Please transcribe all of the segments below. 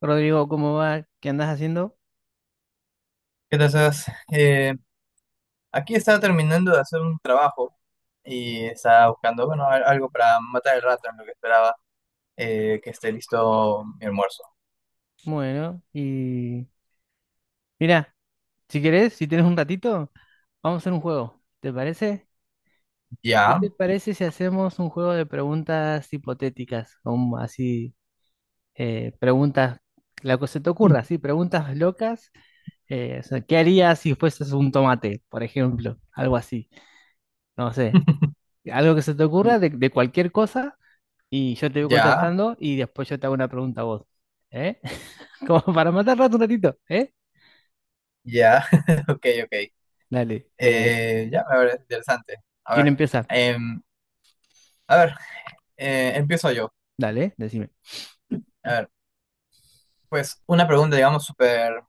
Rodrigo, ¿cómo va? ¿Qué andas haciendo? ¿Qué tal, Sebas? Eh, aquí estaba terminando de hacer un trabajo y estaba buscando, bueno, algo para matar el rato en lo que esperaba que esté listo mi almuerzo. Bueno, y mira, si querés, si tienes un ratito, vamos a hacer un juego. ¿Te parece? ¿Qué Ya. te parece si hacemos un juego de preguntas hipotéticas? Como así, preguntas, lo que se te ocurra, sí, preguntas locas. O sea, ¿qué harías si fueses un tomate, por ejemplo? Algo así, no sé. Algo que se te ocurra de cualquier cosa. Y yo te voy Ya, contestando y después yo te hago una pregunta a vos. ¿Eh? Como para matar rato un ratito, ¿eh? ya. Ok, ok. Dale. Ya, me parece interesante. A ¿Quién ver, empieza? em, a ver, empiezo yo. Dale, decime. A ver, pues una pregunta, digamos, súper,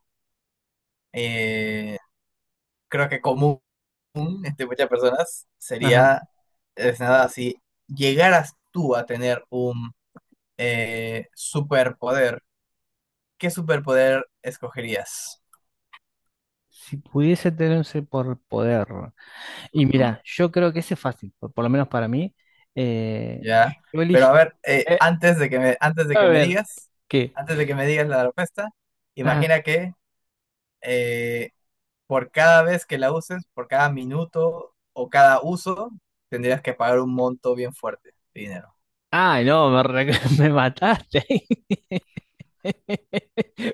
eh, creo que común entre muchas personas Ajá. sería, es nada, si llegaras tú a tener un superpoder, ¿qué superpoder escogerías? Si pudiese tener un superpoder. Y Ujú. mira, yo creo que ese es fácil, por lo menos para mí. Eh, ¿Ya? yo Pero a elige. ver, eh, antes de que me, antes de a que me ver, digas, ¿qué? antes de que me digas la respuesta, Ajá. imagina que eh, por cada vez que la uses, por cada minuto o cada uso, tendrías que pagar un monto bien fuerte de dinero. Ay, no, me, me mataste.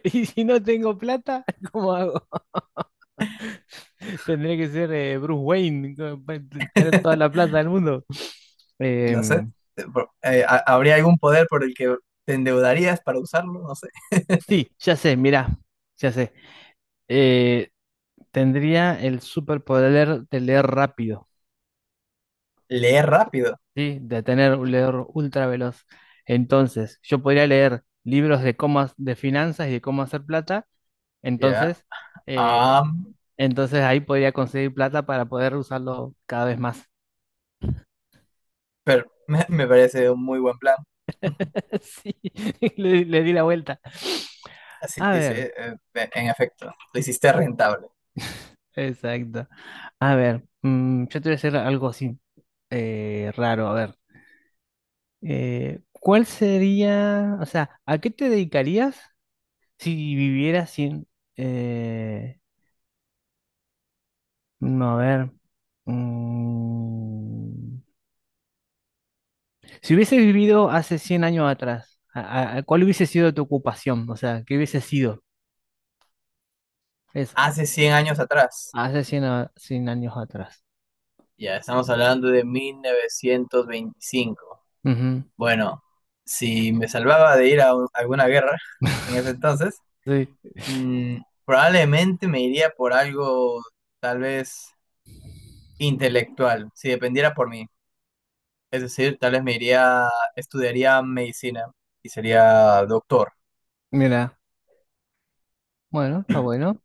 Y si no tengo plata, ¿cómo hago? Tendría que ser Bruce Wayne, tener toda la plata del mundo. No sé. Em, ¿Habría algún poder por el que te endeudarías para usarlo? No sé. sí, ya sé, mirá, ya sé. Eh, Tendría el superpoder de leer rápido, Leer rápido. ¿sí? De tener un leer ultra veloz. Entonces, yo podría leer libros de cómo, de finanzas y de cómo hacer plata. Ya. Entonces, eh, Am, entonces, ahí podría conseguir plata para poder usarlo cada vez más. pero me parece un muy buen plan. Sí, le di la vuelta. Así A que sí, ver. En efecto, lo hiciste rentable. Exacto. A ver, yo te voy a hacer algo así raro. A ver, ¿cuál sería, o sea, a qué te dedicarías si vivieras sin, eh, no, a ver, mm, si hubieses vivido hace 100 años atrás, ¿cuál hubiese sido tu ocupación? O sea, ¿qué hubiese sido eso? Hace 100 años atrás. Hace 100 años atrás. Ya, estamos hablando de 1925. Ujú. Bueno, si me salvaba de ir a alguna guerra en ese entonces, Sí, mm, probablemente me iría por algo tal vez intelectual, si dependiera por mí. Es decir, tal vez me iría, estudiaría medicina y sería doctor. mira, bueno, está bueno.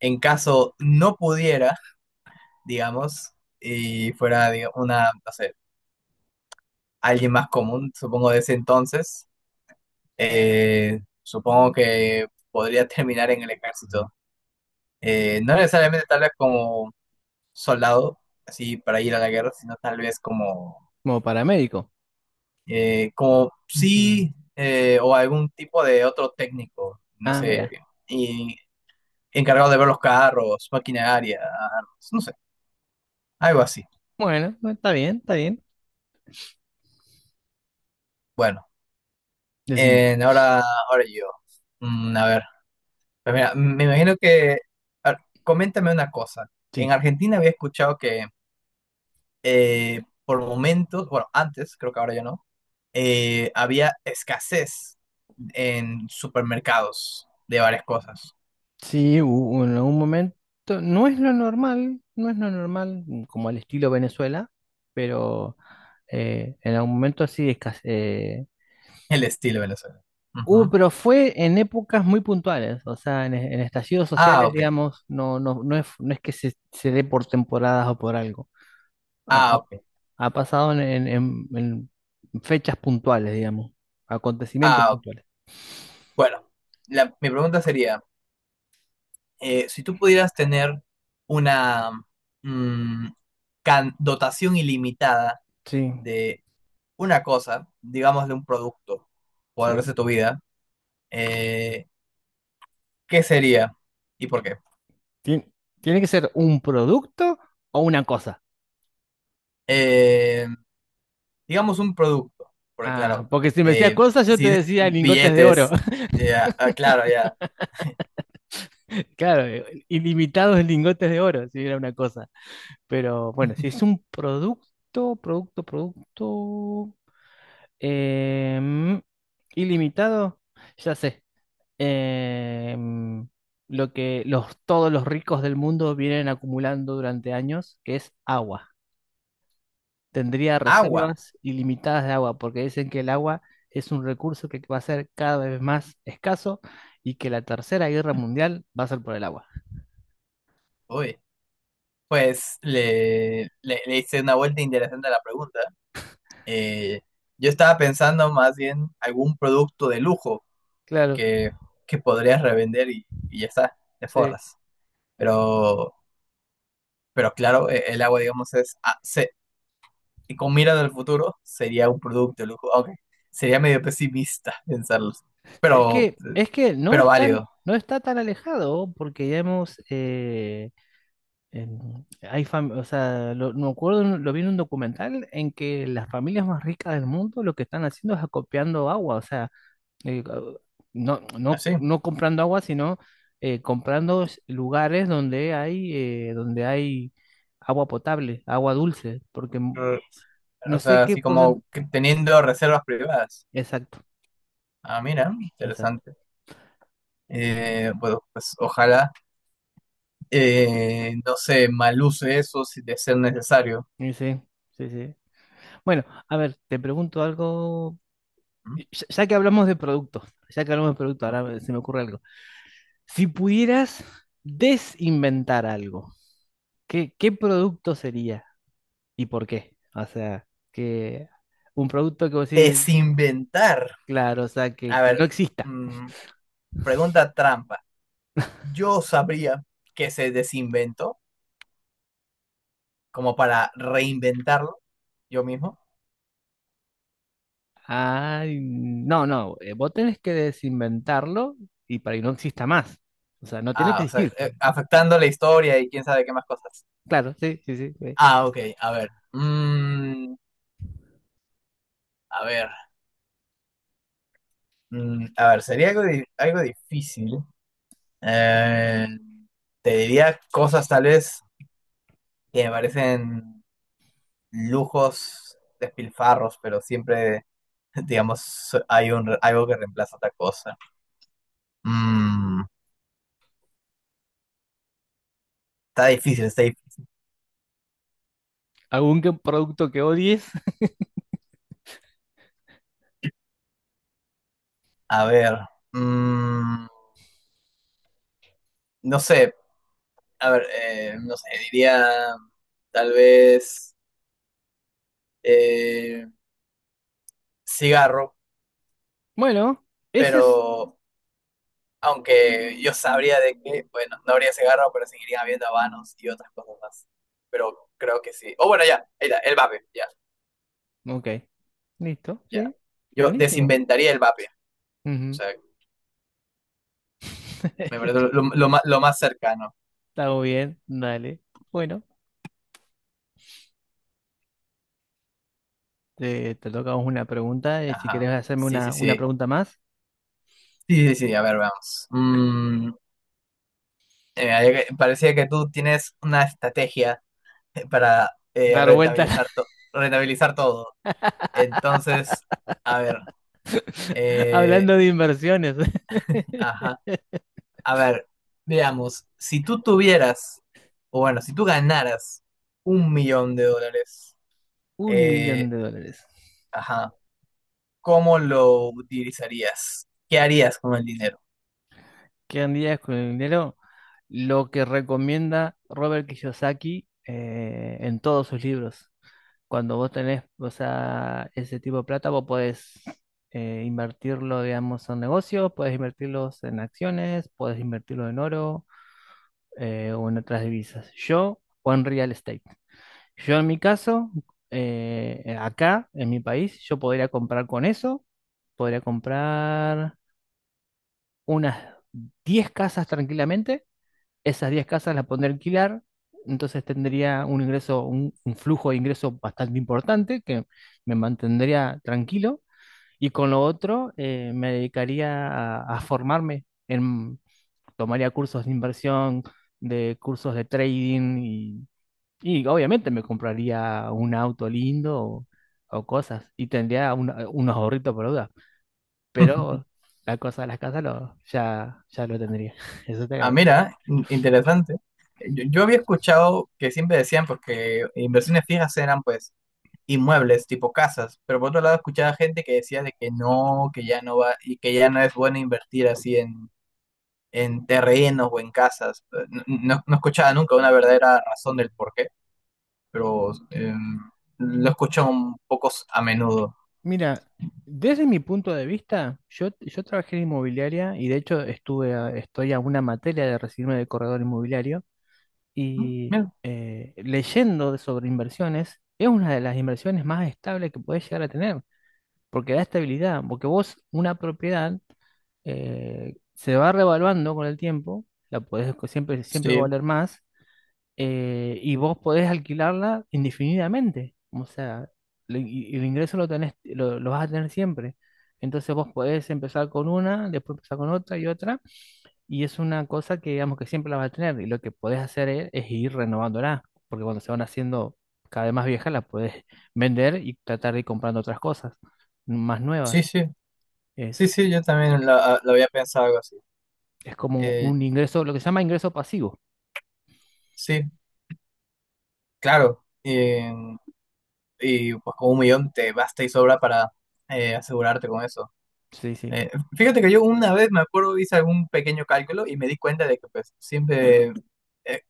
En caso no pudiera, digamos, y fuera una, no sé, alguien más común, supongo de ese entonces, supongo que podría terminar en el ejército. No necesariamente tal vez como soldado, así para ir a la guerra, sino tal vez como, Como paramédico. eh, como sí, o algún tipo de otro técnico, no Ah, sé, mira. encargado de ver los carros, maquinaria, armas, no sé, algo así. Bueno, bueno, está bien, está bien. Bueno, Decime. en- ahora, ahora yo. A ver, pues mira, me imagino que, a ver, coméntame una cosa. Sí, En Argentina había escuchado que por momentos, bueno, antes, creo que ahora ya no, había escasez en supermercados de varias cosas. sí, en algún momento. No es lo normal, no es lo normal, como al estilo Venezuela, pero en algún momento sí El estilo Venezuela. hubo, Ujú. pero fue en épocas muy puntuales, o sea, en estallidos Ah, sociales, ok. digamos, no, no, no es que se dé por temporadas o por algo. Ha, Ah, ha- ok. Ha pasado en fechas puntuales, digamos, acontecimientos Ah, ok. puntuales. Bueno, mi pregunta sería... si tú pudieras tener una mm, dotación ilimitada Sí, de una cosa, digamos de un producto, por sí. el resto de tu vida, eh, ¿qué sería y por qué? Tien- Tiene que ser un producto o una cosa. Eh, digamos un producto, porque Ah, claro, porque si me decías cosas, yo te si decía lingotes de oro. billetes, ya, ah, ah, claro, ya. Claro, ilimitados en lingotes de oro, si era una cosa. Pero bueno, si es un producto, producto, producto, em, ilimitado, ya sé. Em, lo que todos los ricos del mundo vienen acumulando durante años, que es agua. Tendría Agua, reservas ilimitadas de agua, porque dicen que el agua es un recurso que va a ser cada vez más escaso y que la Tercera Guerra Mundial va a ser por el agua. uy. Pues le hice una vuelta interesante a la pregunta. Eh, yo estaba pensando más bien algún producto de lujo Claro, que, que podrías revender y ya está, te sí. forras. Pero, pero claro, el agua, digamos, es... y con mira del futuro, sería un producto de lujo. Aunque sería medio pesimista pensarlo. Es Pero, que, es que pero válido. no está tan alejado, porque ya hemos, hay o sea, me acuerdo, lo vi en un documental en que las familias más ricas del mundo lo que están haciendo es acopiando agua, o sea, eh, no, no, Así. no comprando agua, sino comprando lugares donde hay agua potable, agua dulce, porque Mm, no O sé sea, qué así como porcentaje. que teniendo reservas privadas. Exacto, Ah, mira, exacto. interesante. Bueno, pues ojalá. No sé, mal uso de eso si de ser necesario. Y sí, sí, sí. Bueno, a ver, te pregunto algo. ¿Mm? Ya, ya que hablamos de productos, ya que hablamos de productos, ahora se me ocurre algo. Si pudieras desinventar algo, ¿qué producto sería y por qué? O sea, que un producto que vos decís, Desinventar. claro, o sea, que, A que no ver, exista. mm, pregunta trampa. Yo sabría que se desinventó como para reinventarlo yo mismo. Ay, no, no, vos tenés que desinventarlo y para que no exista más. O sea, no tiene Ah, que o sea, existir. Afectando la historia y quién sabe qué más cosas. Claro, sí, sí, sí. Ah, ok, a ver. A ver. A ver, sería algo, algo difícil. Eh, Te diría cosas tal vez que me parecen lujos, despilfarros, pero siempre, digamos, so, hay algo que reemplaza otra cosa. Mm, Está difícil, está difícil. ¿Algún producto que odies? A ver, mm, no sé, a ver, no sé, diría tal vez eh, cigarro, Bueno, ese es... pero aunque yo sabría de que, bueno, no habría cigarro, pero seguirían habiendo habanos y otras cosas más. Pero creo que sí. O bueno, ya, ahí está, el vape, ya, Ok, listo, ya. sí. Yo Buenísimo. desinventaría el vape. O Ujú. sea, me parece lo más cercano. Está muy bien, dale. Bueno, te toca a vos una pregunta. Si querés Ajá. hacerme Sí, sí, una sí. pregunta más, Sí, sí, sí. A ver, vamos. Ahí parecía que tú tienes una estrategia para dar vuelta rentabilizar, rentabilizar todo. Entonces, a ver. eh, hablando de inversiones. ajá. A ver, veamos. Si tú tuvieras, o bueno, si tú ganaras 1 millón de dólares, Un millón eh, de dólares. ajá, ¿cómo lo utilizarías? ¿Qué harías con el dinero? Quedan días con el dinero, lo que recomienda Robert Kiyosaki en todos sus libros. Cuando vos tenés, o sea, ese tipo de plata, vos podés invertirlo, digamos, en negocios, podés invertirlos en acciones, podés invertirlo en oro o en otras divisas. O en real estate. Yo en mi caso, acá, en mi país, yo podría comprar con eso, podría comprar unas 10 casas tranquilamente. Esas 10 casas las pondré a alquilar, entonces tendría un ingreso, un flujo de ingreso bastante importante que me mantendría tranquilo y con lo otro me dedicaría a formarme, en, tomaría cursos de inversión, de cursos de trading y obviamente me compraría un auto lindo o cosas y tendría unos ahorritos por duda, pero la cosa de las casas, ya, ya lo tendría. Eso estaría Ah, bueno. mira, interesante. Yo había escuchado que siempre decían, porque inversiones fijas eran pues inmuebles, tipo casas, pero por otro lado escuchaba gente que decía de que no, que ya no va, y que ya no es bueno invertir así en terrenos o en casas. No, no escuchaba nunca una verdadera razón del por qué, pero lo escucho un poco a menudo. Mira, desde mi punto de vista, yo trabajé en inmobiliaria y de hecho estoy a una materia de recibirme de corredor inmobiliario y Mira, leyendo sobre inversiones es una de las inversiones más estables que puedes llegar a tener, porque da estabilidad, porque vos una propiedad se va revaluando con el tiempo, la podés, siempre, siempre va a sí, valer más, y vos podés alquilarla indefinidamente. O sea, el ingreso lo tenés, lo vas a tener siempre. Entonces vos podés empezar con una, después empezar con otra y otra, y es una cosa que digamos que siempre la vas a tener, y lo que podés hacer es ir renovándola, porque cuando se van haciendo cada vez más viejas, las podés vender y tratar de ir comprando otras cosas más nuevas. sí, sí, sí, Es, sí, yo también lo había pensado algo así. es como Eh, un ingreso, lo que se llama ingreso pasivo. sí, claro. Eh, y pues con 1 millón te basta y sobra para asegurarte con eso. Sí, sí. Eh, Fíjate que yo una vez me acuerdo, hice algún pequeño cálculo y me di cuenta de que pues siempre eh,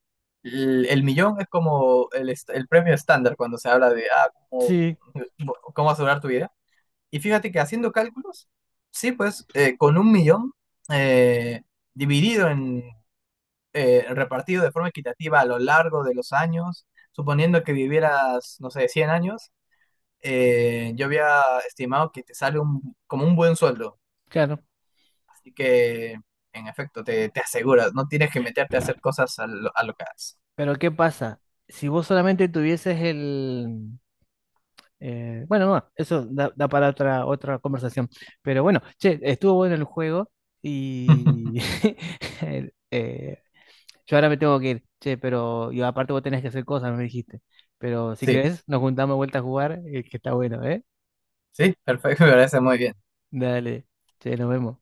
el millón es como el premio estándar cuando se habla de cómo, Sí, cómo asegurar tu vida. Y fíjate que haciendo cálculos, sí, pues con 1 millón eh, dividido repartido de forma equitativa a lo largo de los años, suponiendo que vivieras, no sé, 100 años yo había estimado que te sale como un buen sueldo. claro. Así que, en efecto, te aseguras, no tienes que meterte a hacer cosas a lo que haces. Pero ¿qué pasa? Si vos solamente tuvieses el... Bueno, no, eso da para otra conversación. Pero bueno, che, estuvo bueno el juego y el- eh, yo ahora me tengo que ir. Che, pero y aparte vos tenés que hacer cosas, me dijiste. Pero si Sí, querés, nos juntamos de vuelta a jugar, que está bueno, ¿eh? sí, perfecto, me parece muy bien. Dale, che, nos vemos.